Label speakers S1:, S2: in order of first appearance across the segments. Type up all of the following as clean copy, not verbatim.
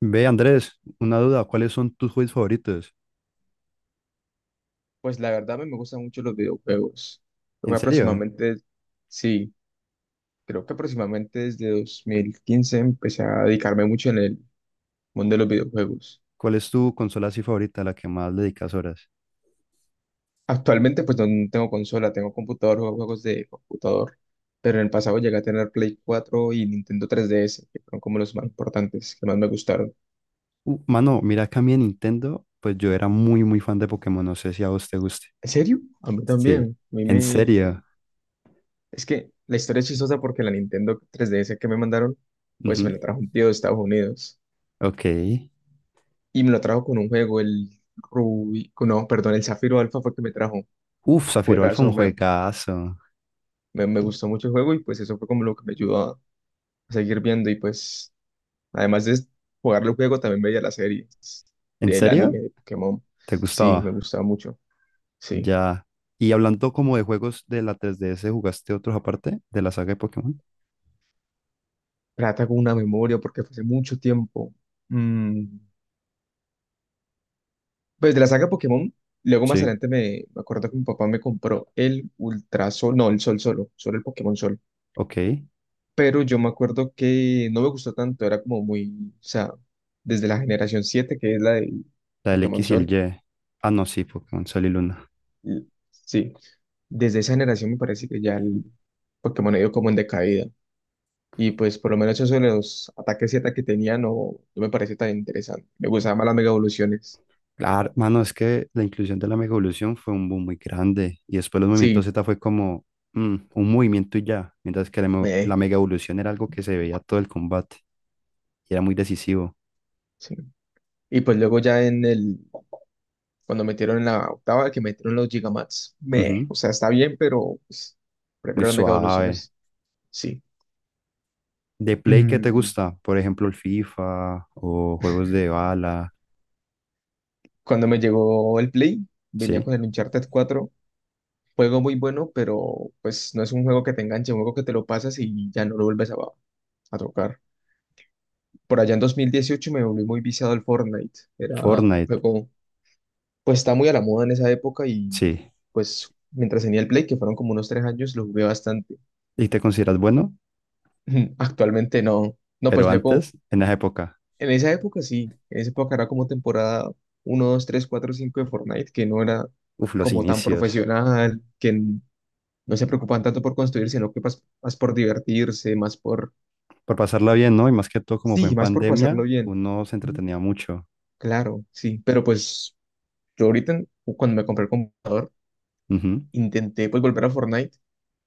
S1: Ve, Andrés, una duda, ¿cuáles son tus juegos favoritos?
S2: Pues la verdad a mí me gustan mucho los videojuegos. Creo
S1: ¿En
S2: que
S1: serio?
S2: aproximadamente, sí, creo que aproximadamente desde 2015 empecé a dedicarme mucho en el mundo de los videojuegos.
S1: ¿Cuál es tu consola así favorita, a la que más le dedicas horas?
S2: Actualmente pues no tengo consola, tengo computador, juego juegos de computador, pero en el pasado llegué a tener Play 4 y Nintendo 3DS, que fueron como los más importantes, que más me gustaron.
S1: Mano, mira que a mí en Nintendo, pues yo era muy, muy fan de Pokémon, no sé si a vos te guste.
S2: ¿En serio? A mí
S1: Sí,
S2: también. A mí
S1: en
S2: me...
S1: serio.
S2: Es que la historia es chistosa porque la Nintendo 3DS que me mandaron, pues me
S1: Ujú.
S2: la trajo un tío de Estados Unidos,
S1: Ok.
S2: y me lo trajo con un juego, el Rubí, no, perdón, el Zafiro Alfa fue el que me trajo.
S1: Uf, Zafiro Alfa,
S2: Juegazo,
S1: un
S2: me,
S1: juegazo.
S2: me, me gustó mucho el juego y pues eso fue como lo que me ayudó a seguir viendo y pues además de jugar el juego también veía las series
S1: ¿En
S2: del
S1: serio?
S2: anime de Pokémon.
S1: ¿Te
S2: Sí, me
S1: gustaba?
S2: gustaba mucho, sí.
S1: Ya. Y hablando como de juegos de la 3DS, ¿jugaste otros aparte de la saga de Pokémon?
S2: Trata con una memoria porque fue hace mucho tiempo. Mm, Pues de la saga Pokémon, luego más
S1: Sí,
S2: adelante me acuerdo que mi papá me compró el Ultra Sol, no, el Sol Solo, solo el Pokémon Sol.
S1: ok.
S2: Pero yo me acuerdo que no me gustó tanto, era como muy, o sea, desde la generación 7 que es la de
S1: La del
S2: Pokémon
S1: X y el
S2: Sol,
S1: Y. Ah, no, sí, Pokémon Sol y Luna.
S2: sí, desde esa generación me parece que ya el Pokémon ha ido como en decaída. Y pues por lo menos eso de los ataques Z que tenía no me parece tan interesante. Me gustaban más las mega evoluciones.
S1: Claro, mano, es que la inclusión de la mega evolución fue un boom muy grande y después los movimientos
S2: Sí,
S1: Z fue como un movimiento y ya, mientras que la
S2: me,
S1: mega evolución era algo que se veía todo el combate y era muy decisivo.
S2: sí. Y pues luego ya cuando metieron en la octava, que metieron los Gigamax,
S1: Ujú,
S2: o sea, está bien, pero pues,
S1: muy
S2: prefiero las mega
S1: suave.
S2: evoluciones, sí.
S1: ¿De Play qué te
S2: Mm,
S1: gusta? Por ejemplo, el FIFA o juegos de bala,
S2: Cuando me llegó el Play, venía
S1: ¿sí?
S2: con el Uncharted 4 juego muy bueno, pero pues no es un juego que te enganche, un juego que te lo pasas y ya no lo vuelves a tocar. Por allá en 2018 me volví muy viciado al Fortnite, era un
S1: Fortnite,
S2: juego, pues está muy a la moda en esa época y
S1: sí.
S2: pues mientras tenía el Play, que fueron como unos 3 años, lo jugué bastante.
S1: ¿Y te consideras bueno?
S2: Actualmente no, no,
S1: Pero
S2: pues luego,
S1: antes, en esa época,
S2: en esa época sí, en esa época era como temporada uno 2 3 4 5 de Fortnite, que no era
S1: uf, los
S2: como tan
S1: inicios.
S2: profesional, que no se preocupan tanto por construir, sino que más, por divertirse, más por,
S1: Por pasarla bien, ¿no? Y más que todo, como fue
S2: sí,
S1: en
S2: más por
S1: pandemia,
S2: pasarlo bien.
S1: uno se
S2: Ujú.
S1: entretenía mucho.
S2: Claro, sí, pero pues yo ahorita, cuando me compré el computador, intenté pues volver a Fortnite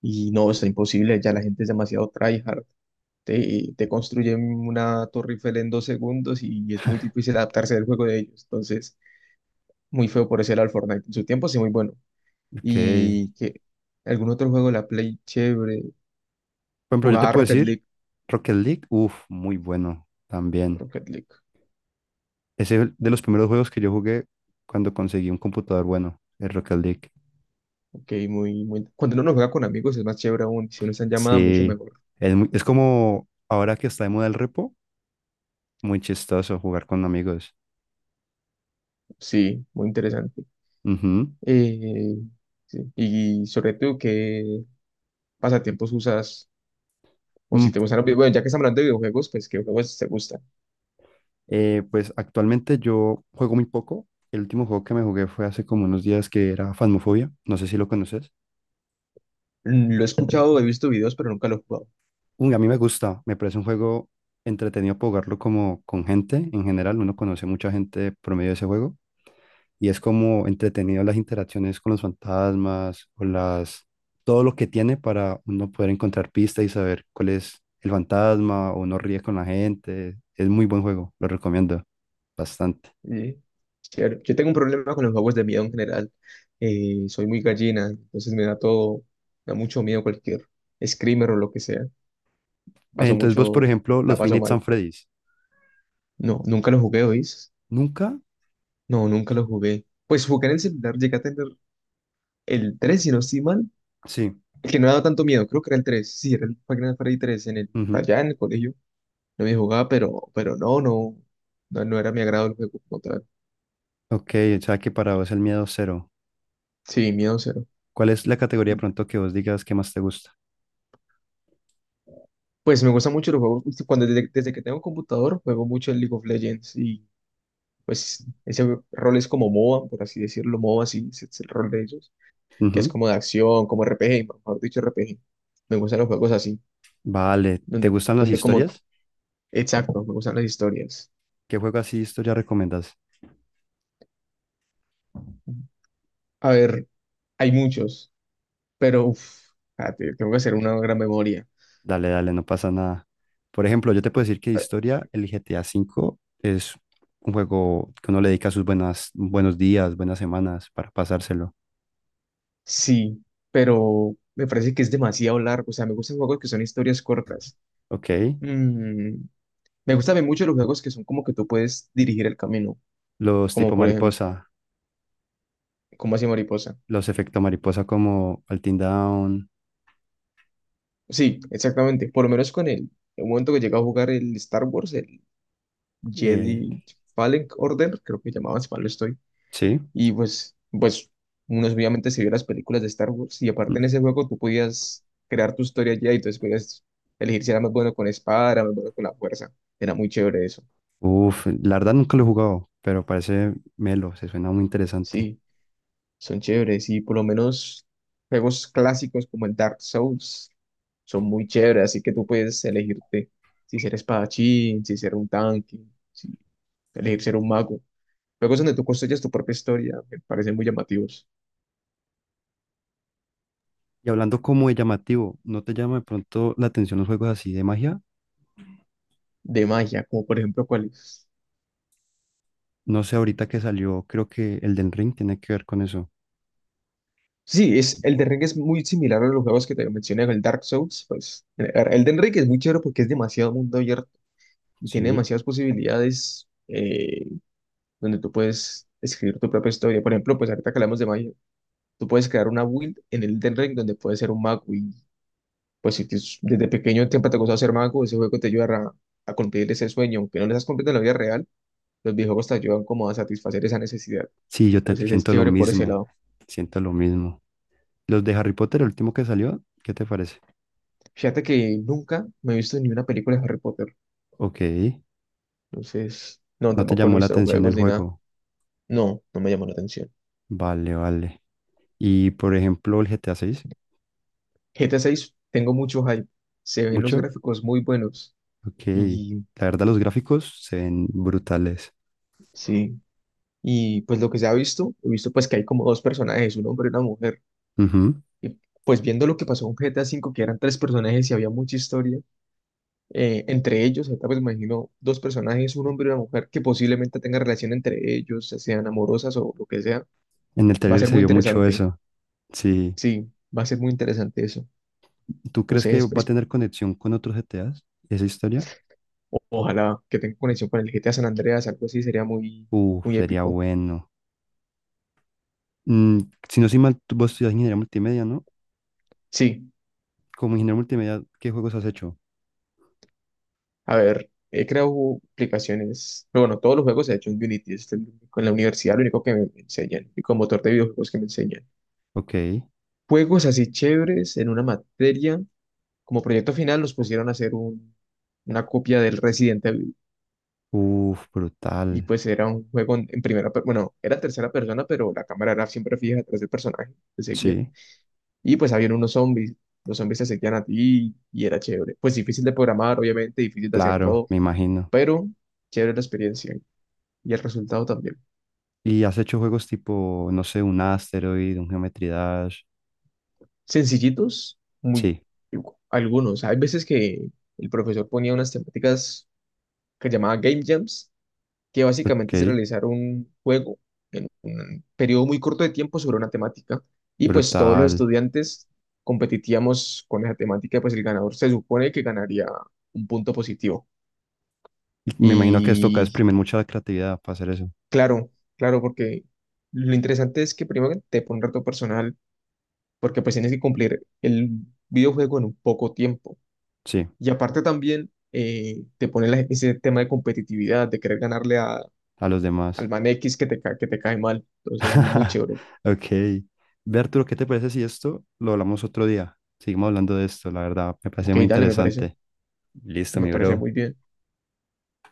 S2: y no, está imposible, ya la gente es demasiado tryhard. Te construyen una torre Eiffel en 2 segundos y es muy difícil adaptarse al juego de ellos. Entonces, muy feo por ese lado el Fortnite. En su tiempo sí, muy bueno.
S1: Ok.
S2: Y que algún otro juego de la Play chévere.
S1: Por ejemplo, yo te
S2: Jugaba
S1: puedo
S2: Rocket
S1: decir.
S2: League.
S1: Rocket League, uff, muy bueno también.
S2: Rocket League.
S1: Ese es de los primeros juegos que yo jugué cuando conseguí un computador bueno, el Rocket League.
S2: Ok, muy, muy. Cuando uno no juega con amigos es más chévere aún. Si uno está en llamada, mucho
S1: Sí,
S2: mejor.
S1: es como ahora que está de moda el repo, muy chistoso jugar con amigos.
S2: Sí, muy interesante.
S1: Ujú.
S2: Eh, sí. Y sobre todo, ¿qué pasatiempos usas? O si
S1: Mm,
S2: te gustan los videojuegos, bueno, ya que estamos hablando de videojuegos, pues ¿qué juegos te gustan?
S1: pues actualmente yo juego muy poco. El último juego que me jugué fue hace como unos días que era Phasmophobia. No sé si lo conoces.
S2: Lo he escuchado, he visto videos, pero nunca lo he jugado.
S1: Uy, a mí me gusta, me parece un juego entretenido para jugarlo como con gente en general, uno conoce mucha gente por medio de ese juego y es como entretenido las interacciones con los fantasmas o las todo lo que tiene para uno poder encontrar pistas y saber cuál es el fantasma o no ríe con la gente. Es muy buen juego, lo recomiendo bastante.
S2: Sí, chévere. Yo tengo un problema con los juegos de miedo en general. Soy muy gallina, entonces me da todo, me da mucho miedo cualquier screamer o lo que sea. Paso
S1: Entonces vos, por
S2: mucho,
S1: ejemplo,
S2: la
S1: los Five
S2: paso
S1: Nights
S2: mal.
S1: at Freddy's,
S2: No, nunca lo jugué, hoy.
S1: ¿nunca?
S2: No, nunca lo jugué. Pues jugué en el celular, llegué a tener el 3 si no estoy mal.
S1: Sí.
S2: El que no me daba tanto miedo, creo que era el tres. Sí, era el Final Freddy 3
S1: Ujú.
S2: allá en el colegio. No me jugaba, pero no era mi agrado el juego como tal.
S1: Ok, o sea que para vos el miedo cero.
S2: Sí, miedo cero.
S1: ¿Cuál es la categoría de pronto que vos digas que más te gusta?
S2: Pues me gustan mucho los juegos. Desde que tengo computador, juego mucho en League of Legends y pues ese rol es como MOBA, por así decirlo, MOBA, sí, ese es el rol de ellos, que es como de acción, como RPG, mejor dicho, RPG. Me gustan los juegos así.
S1: Vale, ¿te
S2: Donde,
S1: gustan las
S2: donde como
S1: historias?
S2: Exacto, me gustan las historias.
S1: ¿Qué juego así de historia recomiendas?
S2: A ver, hay muchos, pero uf, espérate, tengo que hacer una gran memoria.
S1: Dale, dale, no pasa nada. Por ejemplo, yo te puedo decir que de
S2: Ah,
S1: historia, el GTA 5 es un juego que uno le dedica sus buenas, buenos días, buenas semanas para pasárselo.
S2: sí, pero me parece que es demasiado largo. O sea, me gustan juegos que son historias cortas.
S1: Ok.
S2: Mm, me gustan también mucho los juegos que son como que tú puedes dirigir el camino,
S1: Los
S2: como
S1: tipo
S2: por ejemplo,
S1: mariposa,
S2: como así Mariposa.
S1: los efectos mariposa como Altin Down.
S2: Sí, exactamente. Por lo menos con el momento que llegué a jugar el Star Wars, el
S1: eh,
S2: Jedi Fallen Order, creo que llamaban, si mal no estoy.
S1: sí.
S2: Y pues uno obviamente se vio las películas de Star Wars y aparte en ese juego tú podías crear tu historia ya y entonces podías elegir si era más bueno con espada, era más bueno con la fuerza. Era muy chévere eso.
S1: Uf, la verdad nunca lo he jugado, pero parece melo, se suena muy interesante.
S2: Sí, son chéveres y por lo menos juegos clásicos como el Dark Souls son muy chéveres, así que tú puedes elegirte si ser espadachín, si ser un tanque, si elegir ser un mago. Juegos donde tú construyes tu propia historia, me parecen muy llamativos.
S1: Y hablando como de llamativo, ¿no te llama de pronto la atención los juegos así de magia?
S2: De magia, como por ejemplo, ¿cuáles?
S1: No sé, ahorita que salió, creo que el del Ring tiene que ver con eso.
S2: Sí, es, el de Ring es muy similar a los juegos que te mencioné, el Dark Souls. Pues, el de Ring es muy chévere porque es demasiado mundo abierto y tiene
S1: Sí.
S2: demasiadas posibilidades donde tú puedes escribir tu propia historia. Por ejemplo, pues ahorita que hablamos de magia, tú puedes crear una build en el Elden Ring donde puedes ser un mago y pues si desde pequeño tiempo te ha gustado ser mago, ese juego te ayudará a cumplir ese sueño. Aunque no lo estás cumpliendo en la vida real, los videojuegos te ayudan como a satisfacer esa necesidad.
S1: Sí,
S2: Entonces es
S1: siento lo
S2: chévere por ese
S1: mismo.
S2: lado.
S1: Siento lo mismo. Los de Harry Potter, el último que salió, ¿qué te parece?
S2: Fíjate que nunca me he visto ni una película de Harry Potter.
S1: Ok.
S2: Entonces, no,
S1: ¿No te
S2: tampoco no
S1: llamó
S2: he
S1: la
S2: visto los
S1: atención
S2: juegos
S1: el
S2: ni nada.
S1: juego?
S2: No, no me llamó la atención.
S1: Vale, vale. Y por ejemplo, el GTA 6,
S2: GTA 6, tengo mucho hype. Se ven los
S1: ¿mucho?
S2: gráficos muy buenos.
S1: Ok.
S2: Y
S1: La verdad, los gráficos se ven brutales.
S2: sí, y pues lo que se ha visto, he visto pues que hay como dos personajes, un hombre y una mujer.
S1: Ujú.
S2: Y pues viendo lo que pasó con GTA 5, que eran tres personajes y había mucha historia, entre ellos, ahorita pues me imagino dos personajes, un hombre y una mujer, que posiblemente tengan relación entre ellos, ya sean amorosas o lo que sea.
S1: En el
S2: Va a
S1: trailer
S2: ser
S1: se
S2: muy
S1: vio mucho
S2: interesante.
S1: eso. Sí.
S2: Sí, va a ser muy interesante eso.
S1: ¿Tú crees que
S2: Entonces,
S1: va a tener conexión con otros GTAs? ¿Esa historia?
S2: ojalá que tenga conexión con el GTA San Andreas, algo así sería muy, muy
S1: Sería
S2: épico.
S1: bueno. Mm, si no soy mal, vos estudias ingeniería multimedia, ¿no?
S2: Sí,
S1: Como ingeniero multimedia, ¿qué juegos has hecho?
S2: a ver, he creado aplicaciones, pero bueno, todos los juegos se han hecho en Unity, en la universidad lo único que me enseñan, y con motor de videojuegos que me enseñan.
S1: Ok.
S2: Juegos así chéveres en una materia, como proyecto final nos pusieron a hacer un, una copia del Resident Evil,
S1: Uf,
S2: y
S1: brutal.
S2: pues era un juego en primera, bueno, era tercera persona, pero la cámara era siempre fija detrás del personaje, te seguía.
S1: Sí,
S2: Y pues habían unos zombies. Los zombies se seguían a ti y era chévere. Pues difícil de programar, obviamente, difícil de hacer
S1: claro,
S2: todo,
S1: me imagino.
S2: pero chévere la experiencia y el resultado también.
S1: ¿Y has hecho juegos tipo, no sé, un Asteroid, un Geometry Dash?
S2: Sencillitos, muy
S1: Sí,
S2: algunos. Hay veces que el profesor ponía unas temáticas que llamaba Game Jams, que
S1: ok,
S2: básicamente es realizar un juego en un periodo muy corto de tiempo sobre una temática. Y pues todos los
S1: brutal.
S2: estudiantes competíamos con esa temática, pues el ganador se supone que ganaría un punto positivo.
S1: Y me imagino que esto toca
S2: Y
S1: exprimir mucha creatividad para hacer eso.
S2: claro, claro, porque lo interesante es que primero que te pone un reto personal, porque pues tienes que cumplir el videojuego en un poco tiempo.
S1: Sí,
S2: Y aparte también te pone ese tema de competitividad, de querer ganarle
S1: a los demás.
S2: al man X que que te cae mal. Entonces eso es muy chévere.
S1: Ok. Ve, Arturo, ¿qué te parece si esto lo hablamos otro día? Seguimos hablando de esto, la verdad, me parece
S2: Ok,
S1: muy
S2: dale, me parece,
S1: interesante. Listo,
S2: me
S1: mi
S2: parece
S1: bro.
S2: muy bien.